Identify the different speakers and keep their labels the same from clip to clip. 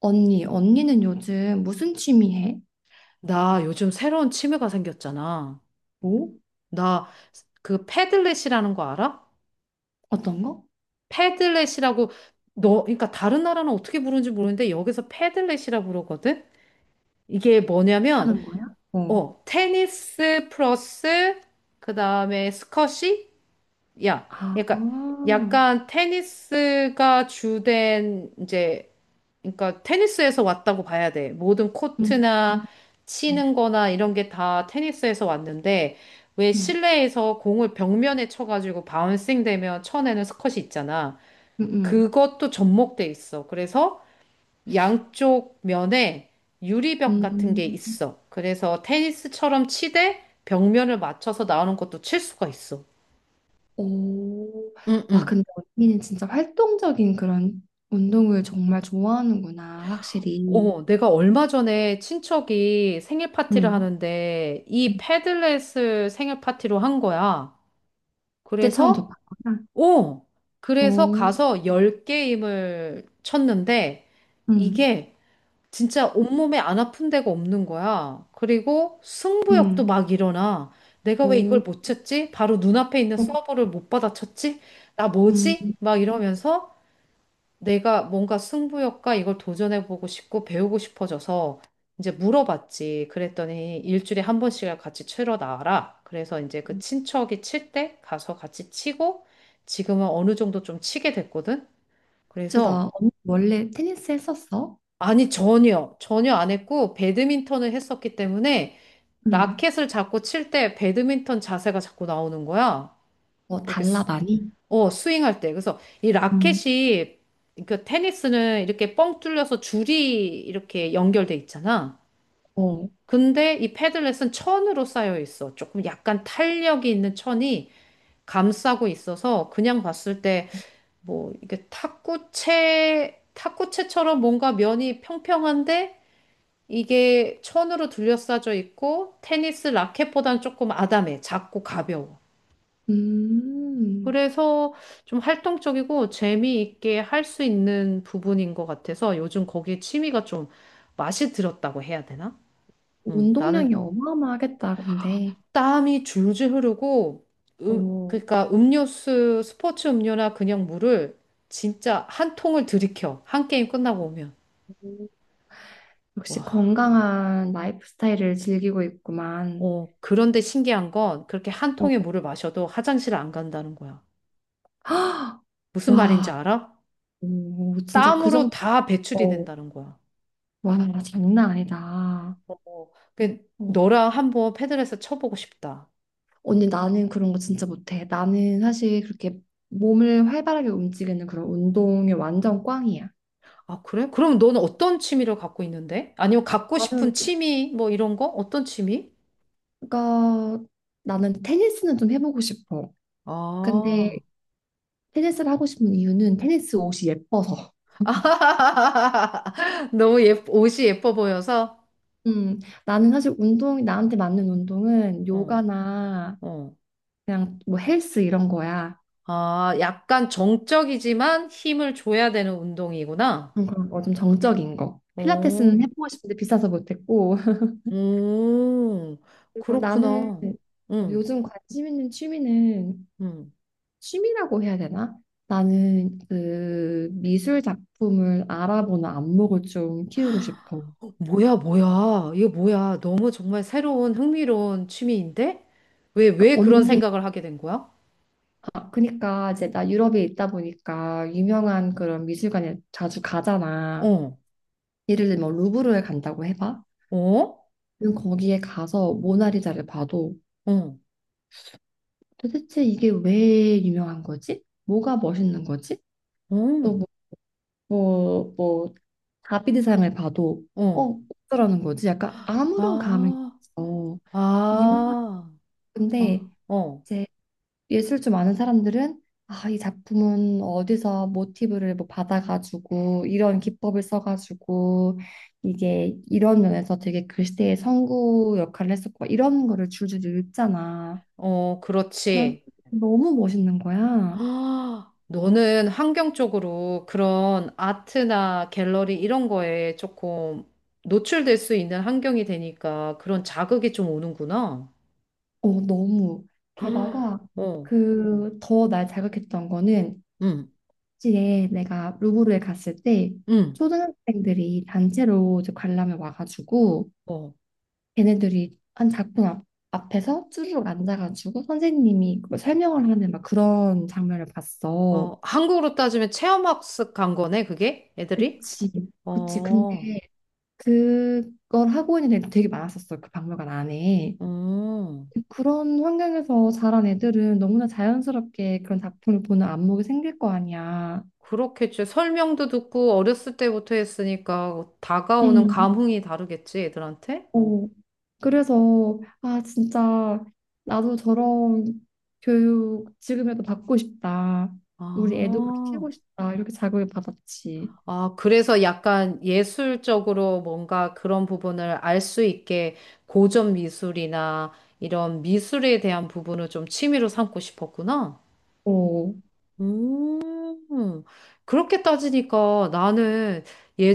Speaker 1: 언니, 언니는 요즘 무슨 취미 해?
Speaker 2: 나 요즘 새로운 취미가 생겼잖아.
Speaker 1: 뭐?
Speaker 2: 나 그 패들렛이라는 거 알아?
Speaker 1: 어떤 거?
Speaker 2: 패들렛이라고 너 그러니까 다른 나라는 어떻게 부르는지 모르는데 여기서 패들렛이라 부르거든. 이게 뭐냐면
Speaker 1: 하는 거야? 어.
Speaker 2: 테니스 플러스 그다음에 스쿼시? 야.
Speaker 1: 아,
Speaker 2: 그러니까 약간 테니스가 주된 이제 그러니까 테니스에서 왔다고 봐야 돼. 모든
Speaker 1: 음,
Speaker 2: 코트나
Speaker 1: 음,
Speaker 2: 치는 거나 이런 게 다 테니스에서 왔는데 왜
Speaker 1: 음.
Speaker 2: 실내에서 공을 벽면에 쳐가지고 바운싱 되면 쳐내는 스컷이 있잖아.
Speaker 1: 음,
Speaker 2: 그것도 접목돼 있어. 그래서 양쪽 면에 유리벽
Speaker 1: 음,
Speaker 2: 같은 게
Speaker 1: 음.
Speaker 2: 있어. 그래서 테니스처럼 치되 벽면을 맞춰서 나오는 것도 칠 수가 있어.
Speaker 1: 오, 와,
Speaker 2: 응응.
Speaker 1: 근데 언니는 진짜 활동적인 그런 운동을 정말 좋아하는구나, 확실히.
Speaker 2: 어, 내가 얼마 전에 친척이 생일 파티를
Speaker 1: 음,
Speaker 2: 하는데
Speaker 1: 음.
Speaker 2: 이 패들렛을 생일 파티로 한 거야.
Speaker 1: 그때 처음
Speaker 2: 그래서,
Speaker 1: 접했구나.
Speaker 2: 어, 그래서
Speaker 1: 오,
Speaker 2: 가서 열게임을 쳤는데
Speaker 1: 음,
Speaker 2: 이게 진짜 온몸에 안 아픈 데가 없는 거야. 그리고 승부욕도
Speaker 1: 음,
Speaker 2: 막 일어나. 내가 왜
Speaker 1: 오,
Speaker 2: 이걸 못 쳤지? 바로 눈앞에 있는 서버를 못 받아쳤지? 나
Speaker 1: 음.
Speaker 2: 뭐지? 막 이러면서 내가 뭔가 승부욕과 이걸 도전해보고 싶고 배우고 싶어져서 이제 물어봤지. 그랬더니 일주일에 한 번씩을 같이 치러 나와라. 그래서 이제 그 친척이 칠 때 가서 같이 치고 지금은 어느 정도 좀 치게 됐거든.
Speaker 1: 진짜 나
Speaker 2: 그래서
Speaker 1: 언니 원래 테니스 했었어?
Speaker 2: 아니 전혀 전혀 안 했고 배드민턴을 했었기 때문에
Speaker 1: 음,
Speaker 2: 라켓을 잡고 칠 때 배드민턴 자세가 자꾸 나오는 거야.
Speaker 1: 뭐
Speaker 2: 이렇게
Speaker 1: 달라 많이?
Speaker 2: 스윙할 때. 그래서 이 라켓이 그 테니스는 이렇게 뻥 뚫려서 줄이 이렇게 연결돼 있잖아.
Speaker 1: 어.
Speaker 2: 근데 이 패들렛은 천으로 쌓여 있어. 조금 약간 탄력이 있는 천이 감싸고 있어서 그냥 봤을 때 뭐 이게 탁구채 탁구채처럼 뭔가 면이 평평한데 이게 천으로 둘러싸져 있고 테니스 라켓보다는 조금 아담해. 작고 가벼워.
Speaker 1: 음,
Speaker 2: 그래서 좀 활동적이고 재미있게 할 수 있는 부분인 것 같아서 요즘 거기에 취미가 좀 맛이 들었다고 해야 되나? 나는
Speaker 1: 운동량이 어마어마하겠다, 근데.
Speaker 2: 땀이 줄줄 흐르고,
Speaker 1: 어,
Speaker 2: 그러니까 음료수, 스포츠 음료나 그냥 물을 진짜 한 통을 들이켜. 한 게임 끝나고 오면.
Speaker 1: 역시
Speaker 2: 와,
Speaker 1: 건강한 라이프 스타일을 즐기고 있구만.
Speaker 2: 그런데 신기한 건 그렇게 한
Speaker 1: 어.
Speaker 2: 통의 물을 마셔도 화장실 안 간다는 거야.
Speaker 1: 헉!
Speaker 2: 무슨 말인지
Speaker 1: 와,
Speaker 2: 알아?
Speaker 1: 오, 진짜 그
Speaker 2: 땀으로
Speaker 1: 정도,
Speaker 2: 다 배출이
Speaker 1: 어,
Speaker 2: 된다는 거야.
Speaker 1: 와, 장난 아니다.
Speaker 2: 어, 어. 그
Speaker 1: 어.
Speaker 2: 너랑 한번 패들에서 쳐보고 싶다.
Speaker 1: 언니, 나는 그런 거 진짜 못해. 나는 사실 그렇게 몸을 활발하게 움직이는 그런 운동이 완전 꽝이야.
Speaker 2: 아, 그래? 그럼 너는 어떤 취미를 갖고 있는데? 아니면 갖고
Speaker 1: 나는,
Speaker 2: 싶은 취미 뭐 이런 거? 어떤 취미?
Speaker 1: 그러니까 나는 테니스는 좀 해보고 싶어. 근데
Speaker 2: 아,
Speaker 1: 테니스를 하고 싶은 이유는 테니스 옷이 예뻐서.
Speaker 2: 너무 예, 옷이 예뻐 보여서?
Speaker 1: 음, 나는 사실 운동, 나한테 맞는 운동은
Speaker 2: 어,
Speaker 1: 요가나
Speaker 2: 어.
Speaker 1: 그냥 뭐 헬스 이런 거야.
Speaker 2: 아, 약간 정적이지만 힘을 줘야 되는 운동이구나.
Speaker 1: 그런 거 좀 정적인 거.
Speaker 2: 오,
Speaker 1: 필라테스는 해보고 싶은데 비싸서 못했고.
Speaker 2: 오,
Speaker 1: 그리고 나는
Speaker 2: 그렇구나.
Speaker 1: 어,
Speaker 2: 응,
Speaker 1: 요즘 관심 있는 취미는
Speaker 2: 응.
Speaker 1: 취미라고 해야 되나? 나는 그 미술 작품을 알아보는 안목을 좀 키우고 싶어.
Speaker 2: 어, 뭐야, 뭐야. 이거 뭐야. 너무 정말 새로운 흥미로운 취미인데? 왜
Speaker 1: 그러니까
Speaker 2: 그런
Speaker 1: 언니
Speaker 2: 생각을 하게 된 거야?
Speaker 1: 아, 그니까 이제 나 유럽에 있다 보니까 유명한 그런 미술관에 자주 가잖아.
Speaker 2: 어,
Speaker 1: 예를 들면 뭐 루브르에 간다고 해봐.
Speaker 2: 어,
Speaker 1: 그럼 거기에 가서 모나리자를 봐도
Speaker 2: 어,
Speaker 1: 도대체 이게 왜 유명한 거지? 뭐가 멋있는 거지?
Speaker 2: 어,
Speaker 1: 또 뭐, 뭐 다비드상을 봐도
Speaker 2: 어.
Speaker 1: 어, 어쩌라는 거지? 약간 아무런 감흥이
Speaker 2: 아,
Speaker 1: 없어.
Speaker 2: 아,
Speaker 1: 유명한데
Speaker 2: 아, 어,
Speaker 1: 예술 좀 아는 사람들은 아, 이 작품은 어디서 모티브를 뭐 받아가지고 이런 기법을 써가지고 이게 이런 면에서 되게 그 시대의 선구 역할을 했었고 이런 거를 줄줄이 읽잖아.
Speaker 2: 어,
Speaker 1: 난
Speaker 2: 그렇지.
Speaker 1: 너무 멋있는 거야.
Speaker 2: 아, 너는 환경 쪽으로 그런 아트나 갤러리 이런 거에 조금 노출될 수 있는 환경이 되니까 그런 자극이 좀 오는구나.
Speaker 1: 어, 너무.
Speaker 2: 아,
Speaker 1: 게다가
Speaker 2: 어,
Speaker 1: 그 더 날 자극했던 거는
Speaker 2: 응,
Speaker 1: 이제 내가 루브르에 갔을 때
Speaker 2: 응,
Speaker 1: 초등학생들이 단체로 이제 관람을 와가지고
Speaker 2: 어.
Speaker 1: 걔네들이 한 작품 앞, 앞에서 쭈르륵 앉아가지고 선생님이 그걸 설명을 하는 막 그런 장면을 봤어.
Speaker 2: 어, 한국으로 따지면 체험학습 간 거네, 그게? 애들이?
Speaker 1: 그치. 그치. 근데
Speaker 2: 어,
Speaker 1: 그걸 하고 있는 애들 되게 많았었어. 그 박물관 안에.
Speaker 2: 음,
Speaker 1: 그런 환경에서 자란 애들은 너무나 자연스럽게 그런 작품을 보는 안목이 생길 거 아니야.
Speaker 2: 그렇겠지. 설명도 듣고 어렸을 때부터 했으니까 다가오는
Speaker 1: 음.
Speaker 2: 감흥이 다르겠지, 애들한테?
Speaker 1: 어, 그래서 아 진짜 나도 저런 교육 지금이라도 받고 싶다. 우리 애도 그렇게
Speaker 2: 아,
Speaker 1: 키우고 싶다. 이렇게 자극을 받았지.
Speaker 2: 아, 그래서 약간 예술적으로 뭔가 그런 부분을 알 수 있게 고전 미술이나 이런 미술에 대한 부분을 좀 취미로 삼고 싶었구나.
Speaker 1: 어,
Speaker 2: 음, 그렇게 따지니까 나는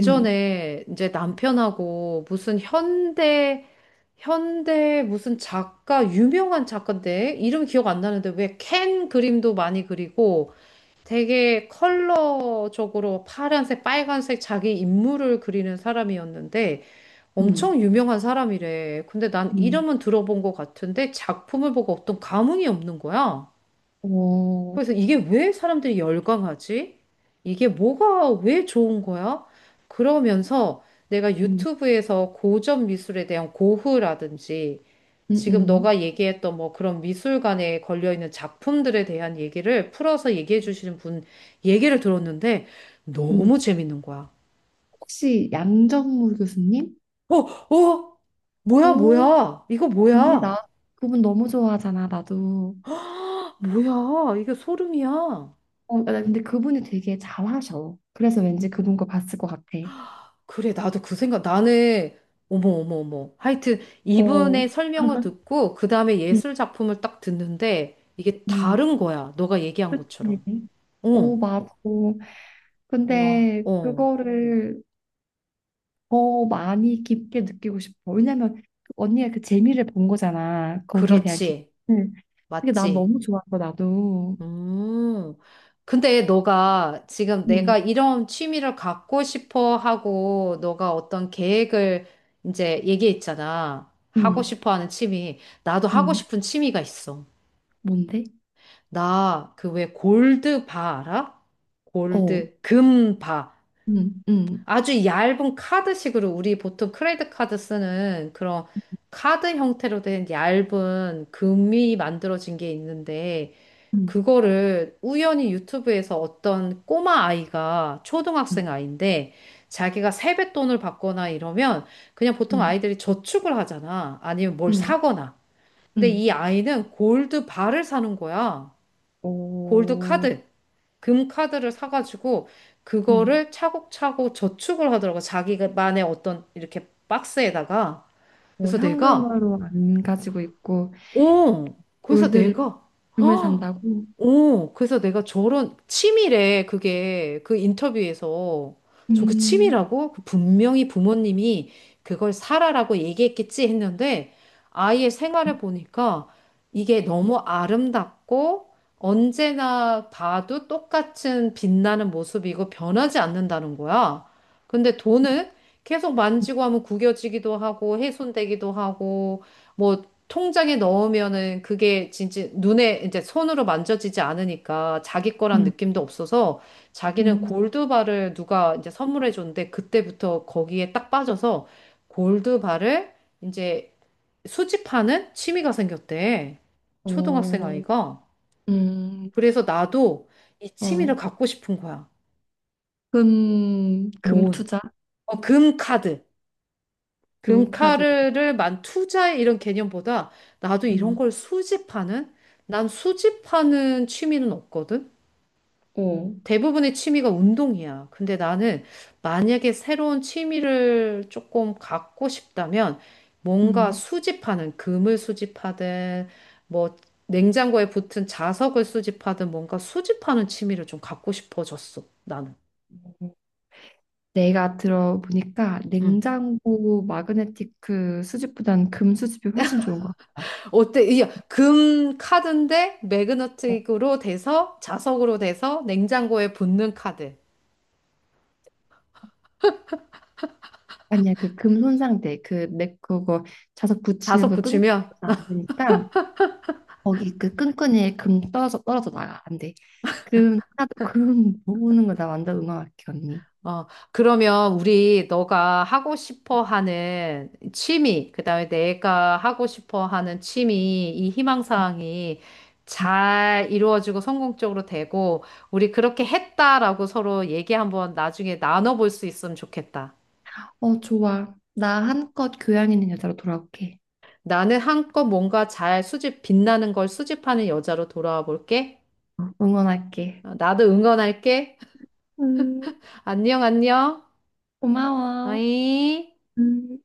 Speaker 1: 음,
Speaker 2: 이제 남편하고 무슨 현대, 무슨 작가, 유명한 작가인데, 이름 기억 안 나는데 왜 캔 그림도 많이 그리고 되게 컬러적으로 파란색, 빨간색 자기 인물을 그리는 사람이었는데
Speaker 1: 음,
Speaker 2: 엄청 유명한 사람이래. 근데 난
Speaker 1: 음,
Speaker 2: 이름은 들어본 것 같은데 작품을 보고 어떤 감흥이 없는 거야.
Speaker 1: 어,
Speaker 2: 그래서 이게 왜 사람들이 열광하지? 이게 뭐가 왜 좋은 거야? 그러면서 내가
Speaker 1: 음,
Speaker 2: 유튜브에서 고전 미술에 대한 고흐라든지
Speaker 1: 음,
Speaker 2: 지금
Speaker 1: 음.
Speaker 2: 너가 얘기했던 뭐 그런 미술관에 걸려있는 작품들에 대한 얘기를 풀어서 얘기해 주시는 분 얘기를 들었는데
Speaker 1: 음.
Speaker 2: 너무 재밌는 거야.
Speaker 1: 혹시 양정무 교수님?
Speaker 2: 어, 어, 뭐야,
Speaker 1: 어,
Speaker 2: 뭐야. 이거
Speaker 1: 언니
Speaker 2: 뭐야.
Speaker 1: 나 그분 너무 좋아하잖아. 나도.
Speaker 2: 뭐야. 이게 소름이야.
Speaker 1: 어, 나 근데 그분이 되게 잘하셔. 그래서 왠지 그분 거 봤을 것 같아.
Speaker 2: 그래, 나도 그 생각, 나는, 어머, 어머, 어머. 하여튼,
Speaker 1: 어,
Speaker 2: 이분의 설명을 듣고, 그 다음에
Speaker 1: 음,
Speaker 2: 예술 작품을 딱 듣는데, 이게
Speaker 1: 음.
Speaker 2: 다른 거야. 너가 얘기한 것처럼.
Speaker 1: 그치. 오
Speaker 2: 어,
Speaker 1: 맞아.
Speaker 2: 와,
Speaker 1: 근데
Speaker 2: 어.
Speaker 1: 그거를 더 많이 깊게 느끼고 싶어. 왜냐면 그 언니가 그 재미를 본 거잖아. 거기에 대한 깊
Speaker 2: 그렇지.
Speaker 1: 이 그게 난
Speaker 2: 맞지.
Speaker 1: 너무 좋아서 나도.
Speaker 2: 음. 근데 너가 지금
Speaker 1: 응,
Speaker 2: 내가 이런 취미를 갖고 싶어 하고, 너가 어떤 계획을 이제 얘기했잖아. 하고
Speaker 1: 응,
Speaker 2: 싶어 하는 취미. 나도 하고
Speaker 1: 응.
Speaker 2: 싶은 취미가 있어.
Speaker 1: 뭔데?
Speaker 2: 나 그 왜 골드바 알아?
Speaker 1: 어,
Speaker 2: 골드, 금 바.
Speaker 1: 응, 응,
Speaker 2: 아주 얇은 카드식으로 우리 보통 크레딧 카드 쓰는 그런 카드 형태로 된 얇은 금이 만들어진 게 있는데
Speaker 1: 응,
Speaker 2: 그거를 우연히 유튜브에서 어떤 꼬마 아이가
Speaker 1: 응,
Speaker 2: 초등학생 아이인데 자기가 세뱃돈을 받거나 이러면 그냥 보통
Speaker 1: 응,
Speaker 2: 아이들이 저축을 하잖아. 아니면 뭘
Speaker 1: 응,
Speaker 2: 사거나. 근데
Speaker 1: 응.
Speaker 2: 이 아이는 골드 바를 사는 거야. 골드
Speaker 1: 어,
Speaker 2: 카드. 금 카드를 사가지고
Speaker 1: 응.
Speaker 2: 그거를 차곡차곡 저축을 하더라고. 자기만의 어떤 이렇게 박스에다가.
Speaker 1: 뭐
Speaker 2: 그래서 내가,
Speaker 1: 현금으로 안 가지고 있고
Speaker 2: 어, 그래서
Speaker 1: 골드를
Speaker 2: 내가,
Speaker 1: 금을 산다고.
Speaker 2: 그래서 내가 저런 치밀해, 그게 그 인터뷰에서 저그
Speaker 1: 음,
Speaker 2: 치밀하고 그 분명히 부모님이 그걸 사라라고 얘기했겠지 했는데 아이의
Speaker 1: 음,
Speaker 2: 생활을 보니까 이게 너무 아름답고 언제나 봐도 똑같은 빛나는 모습이고 변하지 않는다는 거야. 근데 돈은 계속 만지고 하면 구겨지기도 하고 훼손되기도 하고 뭐 통장에 넣으면은 그게 진짜 눈에 이제 손으로 만져지지 않으니까 자기 거란 느낌도 없어서 자기는
Speaker 1: 음.
Speaker 2: 골드바를 누가 이제 선물해 줬는데 그때부터 거기에 딱 빠져서 골드바를 이제 수집하는 취미가 생겼대. 초등학생
Speaker 1: 어,
Speaker 2: 아이가.
Speaker 1: 음,
Speaker 2: 그래서 나도 이 취미를
Speaker 1: 어.
Speaker 2: 갖고 싶은 거야.
Speaker 1: 금, 금
Speaker 2: 모으는.
Speaker 1: 투자?
Speaker 2: 어, 금 카드.
Speaker 1: 금카드.
Speaker 2: 금카르를 만 투자해 이런 개념보다 나도 이런
Speaker 1: 음.
Speaker 2: 걸 수집하는? 난 수집하는 취미는 없거든?
Speaker 1: 오.
Speaker 2: 대부분의 취미가 운동이야. 근데 나는 만약에 새로운 취미를 조금 갖고 싶다면 뭔가
Speaker 1: 음.
Speaker 2: 수집하는, 금을 수집하든, 뭐, 냉장고에 붙은 자석을 수집하든 뭔가 수집하는 취미를 좀 갖고 싶어졌어, 나는.
Speaker 1: 내가 들어보니까
Speaker 2: 응.
Speaker 1: 냉장고 마그네틱 수집보단 금 수집이 훨씬 좋은 것 같다.
Speaker 2: 어때? 이게 금 카드인데 매그너틱으로 돼서 자석으로 돼서 냉장고에 붙는 카드.
Speaker 1: 아니야, 그 금 손상대, 그 내 그거 자석 붙이는
Speaker 2: 자석
Speaker 1: 그 끈끈이
Speaker 2: 붙이면
Speaker 1: 안 되니까 거기 그 끈끈이에 금 떨어져 나가 안 돼. 금 카드 금 모으는 거 나 완전 응원할게 언니.
Speaker 2: 어 그러면 우리 너가 하고 싶어 하는 취미, 그다음에 내가 하고 싶어 하는 취미 이 희망 사항이 잘 이루어지고 성공적으로 되고 우리 그렇게 했다라고 서로 얘기 한번 나중에 나눠볼 수 있으면 좋겠다.
Speaker 1: 어 좋아. 나 한껏 교양 있는 여자로 돌아올게.
Speaker 2: 나는 한껏 뭔가 잘 수집 빛나는 걸 수집하는 여자로 돌아와 볼게.
Speaker 1: 어, 응원할게.
Speaker 2: 어, 나도 응원할게.
Speaker 1: 음,
Speaker 2: 안녕, 안녕.
Speaker 1: 고마워.
Speaker 2: 어이.
Speaker 1: 음.